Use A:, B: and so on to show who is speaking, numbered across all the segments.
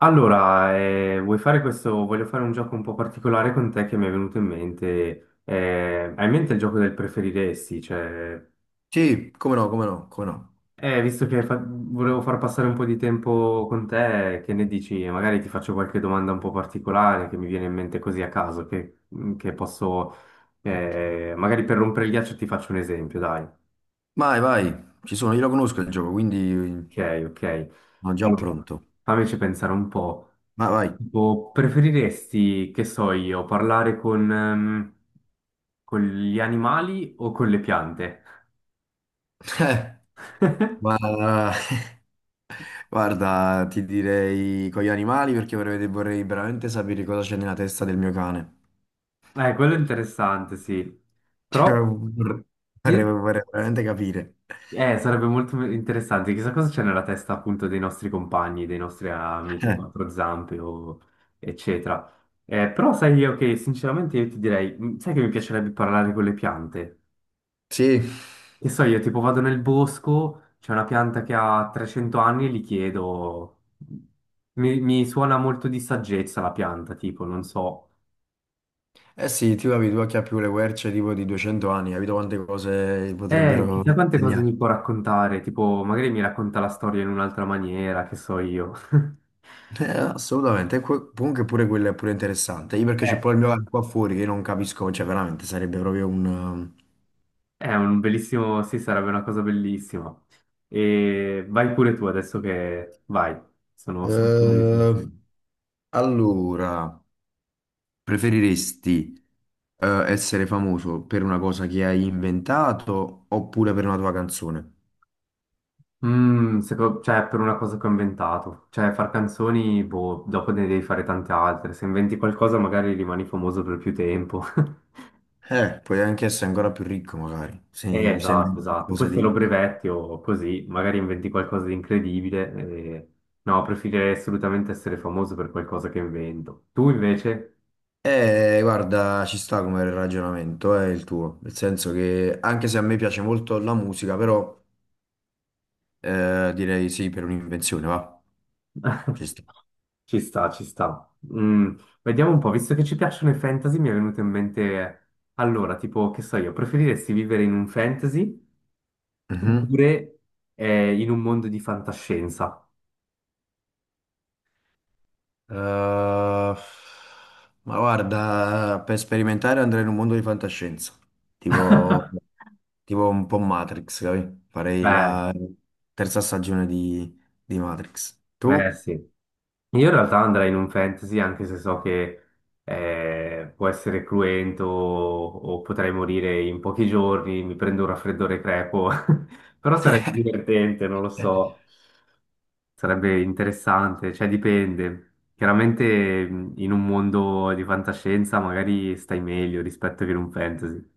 A: Allora, vuoi fare questo? Voglio fare un gioco un po' particolare con te che mi è venuto in mente. Hai in mente il gioco del preferiresti? Cioè,
B: Sì, come no, come no, come no.
A: visto che volevo far passare un po' di tempo con te, che ne dici? E magari ti faccio qualche domanda un po' particolare che mi viene in mente così a caso, che posso, magari per rompere il ghiaccio ti faccio un esempio, dai.
B: Vai, vai, ci sono, io lo conosco il gioco, quindi
A: Ok, ok.
B: sono già
A: Allora,
B: pronto.
A: fammici pensare un po'.
B: Ma vai.
A: Tipo, preferiresti, che so io, parlare con gli animali o con le piante?
B: Ma guarda, ti direi con gli animali perché vorrei veramente sapere cosa c'è nella testa del mio cane.
A: Quello è interessante, sì.
B: Cioè,
A: Però
B: vorrei, vorrei-
A: io-
B: vorrei veramente capire.
A: sarebbe molto interessante. Chissà cosa c'è nella testa appunto dei nostri compagni, dei nostri amici a
B: Eh,
A: quattro zampe o eccetera. Però sai io che ok, sinceramente io ti direi, sai che mi piacerebbe parlare con le piante?
B: sì,
A: Che so io, tipo vado nel bosco, c'è una pianta che ha 300 anni e gli chiedo. Mi suona molto di saggezza la pianta, tipo, non so.
B: eh sì, tu capi, tu che ha più le querce tipo di 200 anni, capito quante cose potrebbero
A: Chissà quante cose
B: segnare.
A: mi può raccontare, tipo, magari mi racconta la storia in un'altra maniera, che so io.
B: Assolutamente, e que- comunque pure quello è pure interessante. Io perché c'è
A: Eh,
B: poi il mio bar qua fuori che io non capisco, cioè veramente sarebbe proprio un...
A: è un bellissimo. Sì, sarebbe una cosa bellissima. E vai pure tu adesso Vai, sono curioso di sentire.
B: Eh, allora, preferiresti essere famoso per una cosa che hai inventato oppure per una tua canzone?
A: Cioè, per una cosa che ho inventato. Cioè, far canzoni, boh, dopo ne devi fare tante altre. Se inventi qualcosa, magari rimani famoso per più tempo.
B: Puoi anche essere ancora più ricco magari, se, se
A: Esatto,
B: inventi
A: esatto. Poi
B: qualcosa
A: se lo
B: di...
A: brevetti o così, magari inventi qualcosa di incredibile. No, preferirei assolutamente essere famoso per qualcosa che invento. Tu invece?
B: Guarda, ci sta come ragionamento, è il tuo, nel senso che anche se a me piace molto la musica, però... direi sì, per un'invenzione, va. Ci sta.
A: Ci sta, ci sta. Vediamo un po', visto che ci piacciono i fantasy, mi è venuto in mente. Allora, tipo, che so io, preferiresti vivere in un fantasy?
B: Mhm.
A: Oppure in un mondo di fantascienza.
B: Eh, ma guarda, per sperimentare andrei in un mondo di fantascienza, tipo, tipo un po' Matrix, capi? Farei
A: Eh,
B: la terza stagione di Matrix. Tu?
A: sì. Io in realtà andrei in un fantasy anche se so che può essere cruento o potrei morire in pochi giorni, mi prendo un raffreddore crepo, però sarebbe divertente, non lo
B: Eh,
A: so, sarebbe interessante, cioè dipende. Chiaramente in un mondo di fantascienza magari stai meglio rispetto che in un fantasy.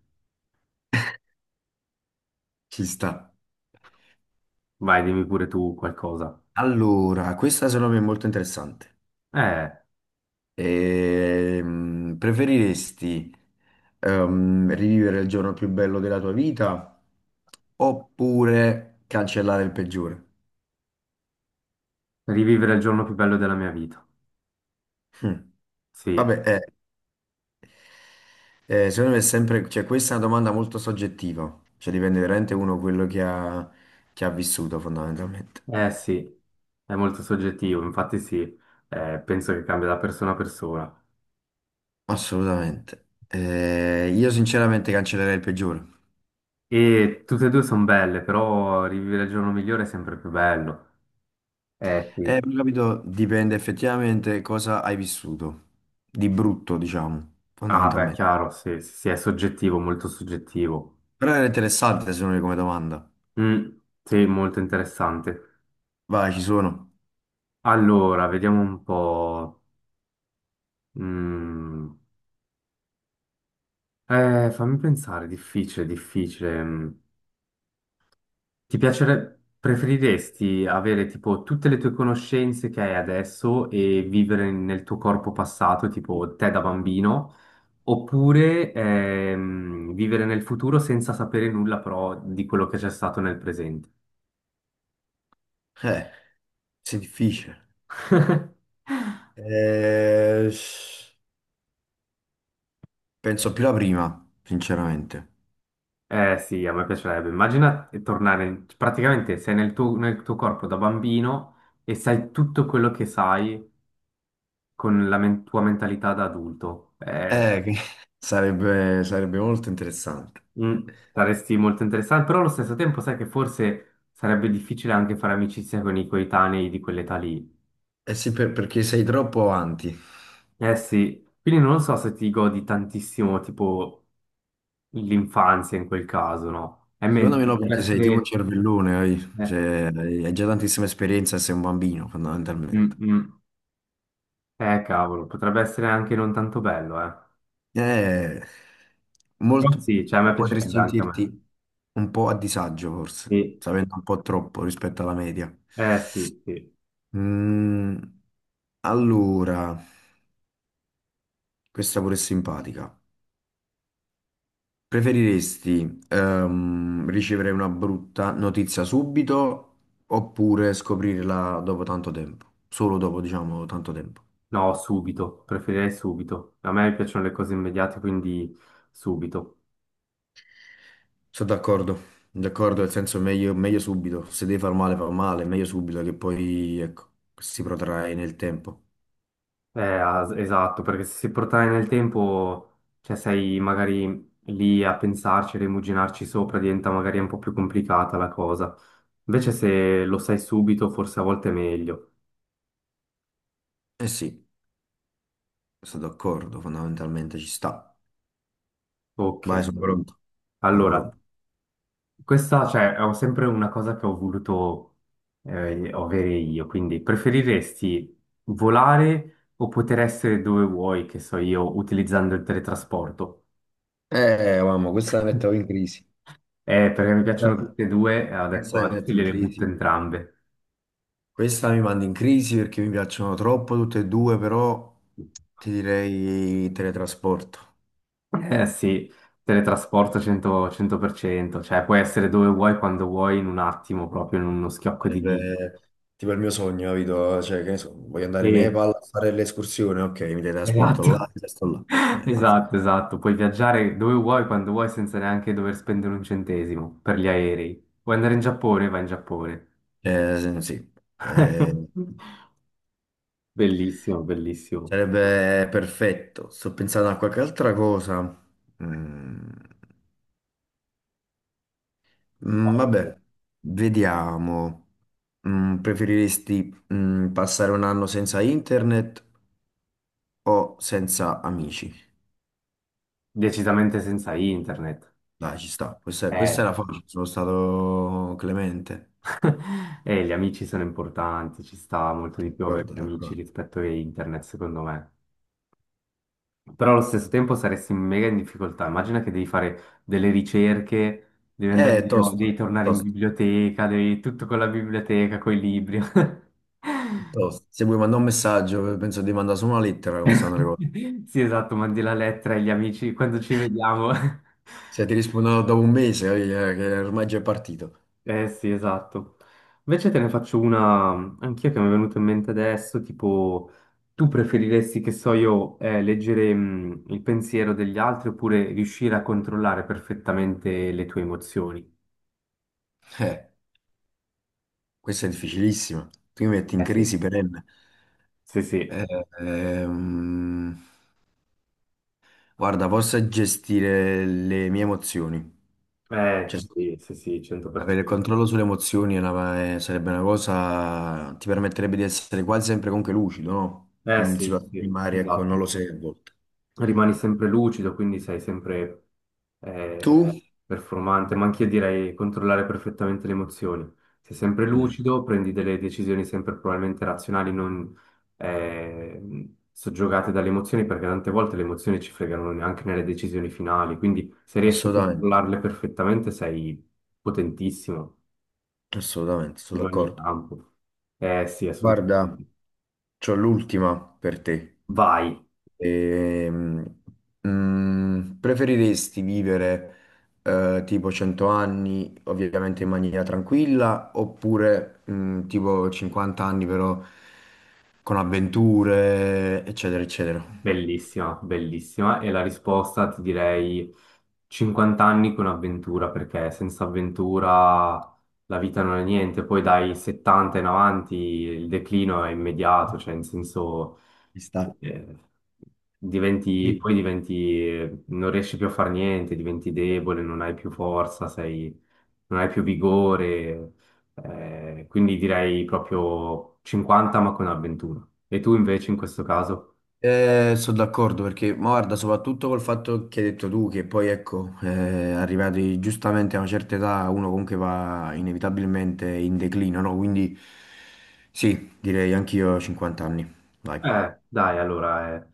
B: Ci sta.
A: Vai, dimmi pure tu qualcosa.
B: Allora, questa secondo me è molto interessante.
A: Eh.
B: Preferiresti rivivere il giorno più bello della tua vita oppure cancellare il peggiore?
A: Rivivere il giorno più bello della mia vita.
B: Hm.
A: Sì,
B: Vabbè, secondo me è sempre, cioè, questa è una domanda molto soggettiva, cioè dipende veramente uno quello che ha vissuto fondamentalmente.
A: eh sì, è molto soggettivo, infatti sì, penso che cambia da persona a persona.
B: Assolutamente. Io sinceramente cancellerei il peggiore.
A: E tutte e due sono belle, però rivivere il giorno migliore è sempre più bello. Eh sì,
B: Però, capito, dipende effettivamente cosa hai vissuto, di brutto, diciamo,
A: ah beh,
B: fondamentalmente.
A: chiaro, sì, sì, sì, è soggettivo, molto soggettivo.
B: Però era interessante secondo me come domanda.
A: Mm, sì, molto interessante.
B: Vai, ci sono.
A: Allora, vediamo un po'. Mm, Fammi pensare, difficile, difficile. Mm. Ti piacerebbe, preferiresti avere tipo tutte le tue conoscenze che hai adesso e vivere nel tuo corpo passato, tipo te da bambino, oppure vivere nel futuro senza sapere nulla però di quello che c'è stato nel presente?
B: Eh. Sì, difficile. Eh, penso più la prima, sinceramente.
A: Eh sì, a me piacerebbe. Immagina tornare, praticamente sei nel tuo, corpo da bambino e sai tutto quello che sai con la tua mentalità da adulto.
B: Che sarebbe molto interessante.
A: Mm, Saresti molto interessante, però allo stesso tempo sai che forse sarebbe difficile anche fare amicizia con i coetanei di quell'età lì.
B: Eh sì, per- perché sei troppo avanti.
A: Eh sì, quindi non so se ti godi tantissimo tipo l'infanzia in quel caso, no? E
B: Secondo
A: mentre
B: me no,
A: potrebbe
B: perché sei tipo un
A: essere.
B: cervellone, hai,
A: Eh,
B: cioè, hai già tantissima esperienza e sei un bambino,
A: mm,
B: fondamentalmente.
A: mm. Cavolo, potrebbe essere anche non tanto bello, eh.
B: Eh,
A: Però
B: molto,
A: sì, cioè a me
B: potresti
A: piacerebbe anche a me.
B: sentirti un po' a disagio, forse,
A: Sì.
B: sapendo un po' troppo rispetto alla media.
A: Eh sì, sì.
B: Mm, allora, questa pure è simpatica. Preferiresti ricevere una brutta notizia subito oppure scoprirla dopo tanto tempo? Solo dopo, diciamo, tanto tempo.
A: No, subito, preferirei subito. A me piacciono le cose immediate, quindi subito.
B: Sono d'accordo, d'accordo, nel senso meglio, meglio subito. Se devi far male, fa male, meglio subito che poi, ecco, si protrae nel tempo.
A: Esatto, perché se si portare nel tempo, cioè sei magari lì a pensarci, a rimuginarci sopra, diventa magari un po' più complicata la cosa. Invece se lo sai subito, forse a volte è meglio.
B: Eh sì, sono d'accordo, fondamentalmente ci sta.
A: Ok.
B: Vai, sono pronto. Sono
A: Allora,
B: pronto.
A: questa, cioè, è sempre una cosa che ho voluto avere io, quindi preferiresti volare o poter essere dove vuoi, che so io, utilizzando il teletrasporto?
B: Mamma, questa la mettevo in crisi.
A: Perché mi piacciono
B: Questa
A: tutte e due, e ho detto
B: questa è
A: adesso
B: in
A: gliele butto
B: crisi.
A: entrambe.
B: Questa mi manda in crisi perché mi piacciono troppo tutte e due, però ti direi teletrasporto.
A: Eh sì, teletrasporto 100%, 100%, cioè puoi essere dove vuoi, quando vuoi, in un attimo, proprio in uno schiocco di dita.
B: Sarebbe tipo il mio sogno, capito? Cioè, che ne so, voglio andare in
A: Sì,
B: Nepal a fare l'escursione, ok, mi teletrasporto
A: esatto,
B: là, e sto là. Cioè, fa-
A: esatto, esatto. Puoi viaggiare dove vuoi, quando vuoi, senza neanche dover spendere un centesimo per gli aerei. Vuoi andare in Giappone? Vai in Giappone.
B: sì, eh,
A: Bellissimo, bellissimo.
B: sarebbe perfetto. Sto pensando a qualche altra cosa. Mm, mm, vabbè, vediamo. Mm, preferiresti, mm, passare un anno senza internet o senza amici?
A: Decisamente senza internet.
B: Dai, ci sta. Questa
A: Eh,
B: era facile, sono stato clemente.
A: E gli amici sono importanti, ci sta molto di più avere
B: D'accordo,
A: gli amici
B: d'accordo.
A: rispetto a internet, secondo me. Però allo stesso tempo saresti mega in difficoltà. Immagina che devi fare delle ricerche, devi andare di nuovo, devi
B: Tosto,
A: tornare in
B: tosto,
A: biblioteca, devi tutto con la biblioteca, con i libri.
B: tosto. Se vuoi mandare un messaggio, penso di mandare solo una lettera, come stanno le cose.
A: Sì, esatto, mandi la lettera agli amici quando ci vediamo.
B: Se ti rispondo dopo un mese, voglio dire che ormai già è partito.
A: Eh sì, esatto. Invece te ne faccio una anch'io che mi è venuta in mente adesso, tipo, tu preferiresti, che so io, leggere il pensiero degli altri oppure riuscire a controllare perfettamente le tue emozioni?
B: Eh, questa è difficilissima. Tu mi metti in
A: Eh sì.
B: crisi perenne.
A: Sì, sì,
B: Eh, ehm, guarda, posso gestire le mie emozioni.
A: eh
B: Cioè,
A: sì, sì, sì,
B: avere il
A: 100%.
B: controllo sulle emozioni è una- sarebbe una cosa, ti permetterebbe di essere quasi sempre comunque lucido, no?
A: Eh
B: In
A: sì,
B: situazioni
A: sì,
B: magari, ecco, non
A: esatto.
B: lo sei a volte.
A: Rimani sempre lucido, quindi sei sempre eh,
B: Tu?
A: performante, ma anche io direi controllare perfettamente le emozioni. Sei sempre
B: Mm,
A: lucido, prendi delle decisioni sempre probabilmente razionali, non soggiogate dalle emozioni, perché tante volte le emozioni ci fregano anche nelle decisioni finali, quindi se riesci a
B: assolutamente,
A: controllarle perfettamente sei potentissimo
B: assolutamente, sono
A: in ogni
B: d'accordo.
A: campo. Eh sì,
B: Guarda,
A: assolutamente.
B: c'ho l'ultima per te.
A: Vai.
B: Ehm, mm, preferiresti vivere tipo 100 anni, ovviamente in maniera tranquilla, oppure mm, tipo 50 anni però con avventure, eccetera, eccetera?
A: Bellissima, bellissima. E la risposta ti direi 50 anni con avventura, perché senza avventura la vita non è niente. Poi dai 70 in avanti il declino è immediato, cioè in senso
B: Ci sta.
A: eh, diventi,
B: Sì.
A: poi diventi, non riesci più a fare niente, diventi debole, non hai più forza, sei, non hai più vigore. Quindi direi proprio 50 ma con avventura. E tu invece in questo caso?
B: Sono d'accordo perché, ma guarda, soprattutto col fatto che hai detto tu, che poi ecco, arrivati giustamente a una certa età, uno comunque va inevitabilmente in declino, no? Quindi sì, direi anch'io 50 anni, dai.
A: Dai, allora,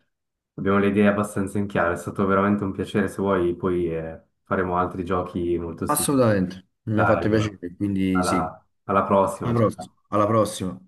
A: abbiamo le idee abbastanza in chiaro, è stato veramente un piacere, se vuoi poi faremo altri giochi molto simili.
B: Assolutamente, mi ha
A: Dai,
B: fatto
A: allora,
B: piacere, quindi sì,
A: alla alla prossima,
B: alla
A: ciao
B: prossima.
A: ciao.
B: Alla prossima.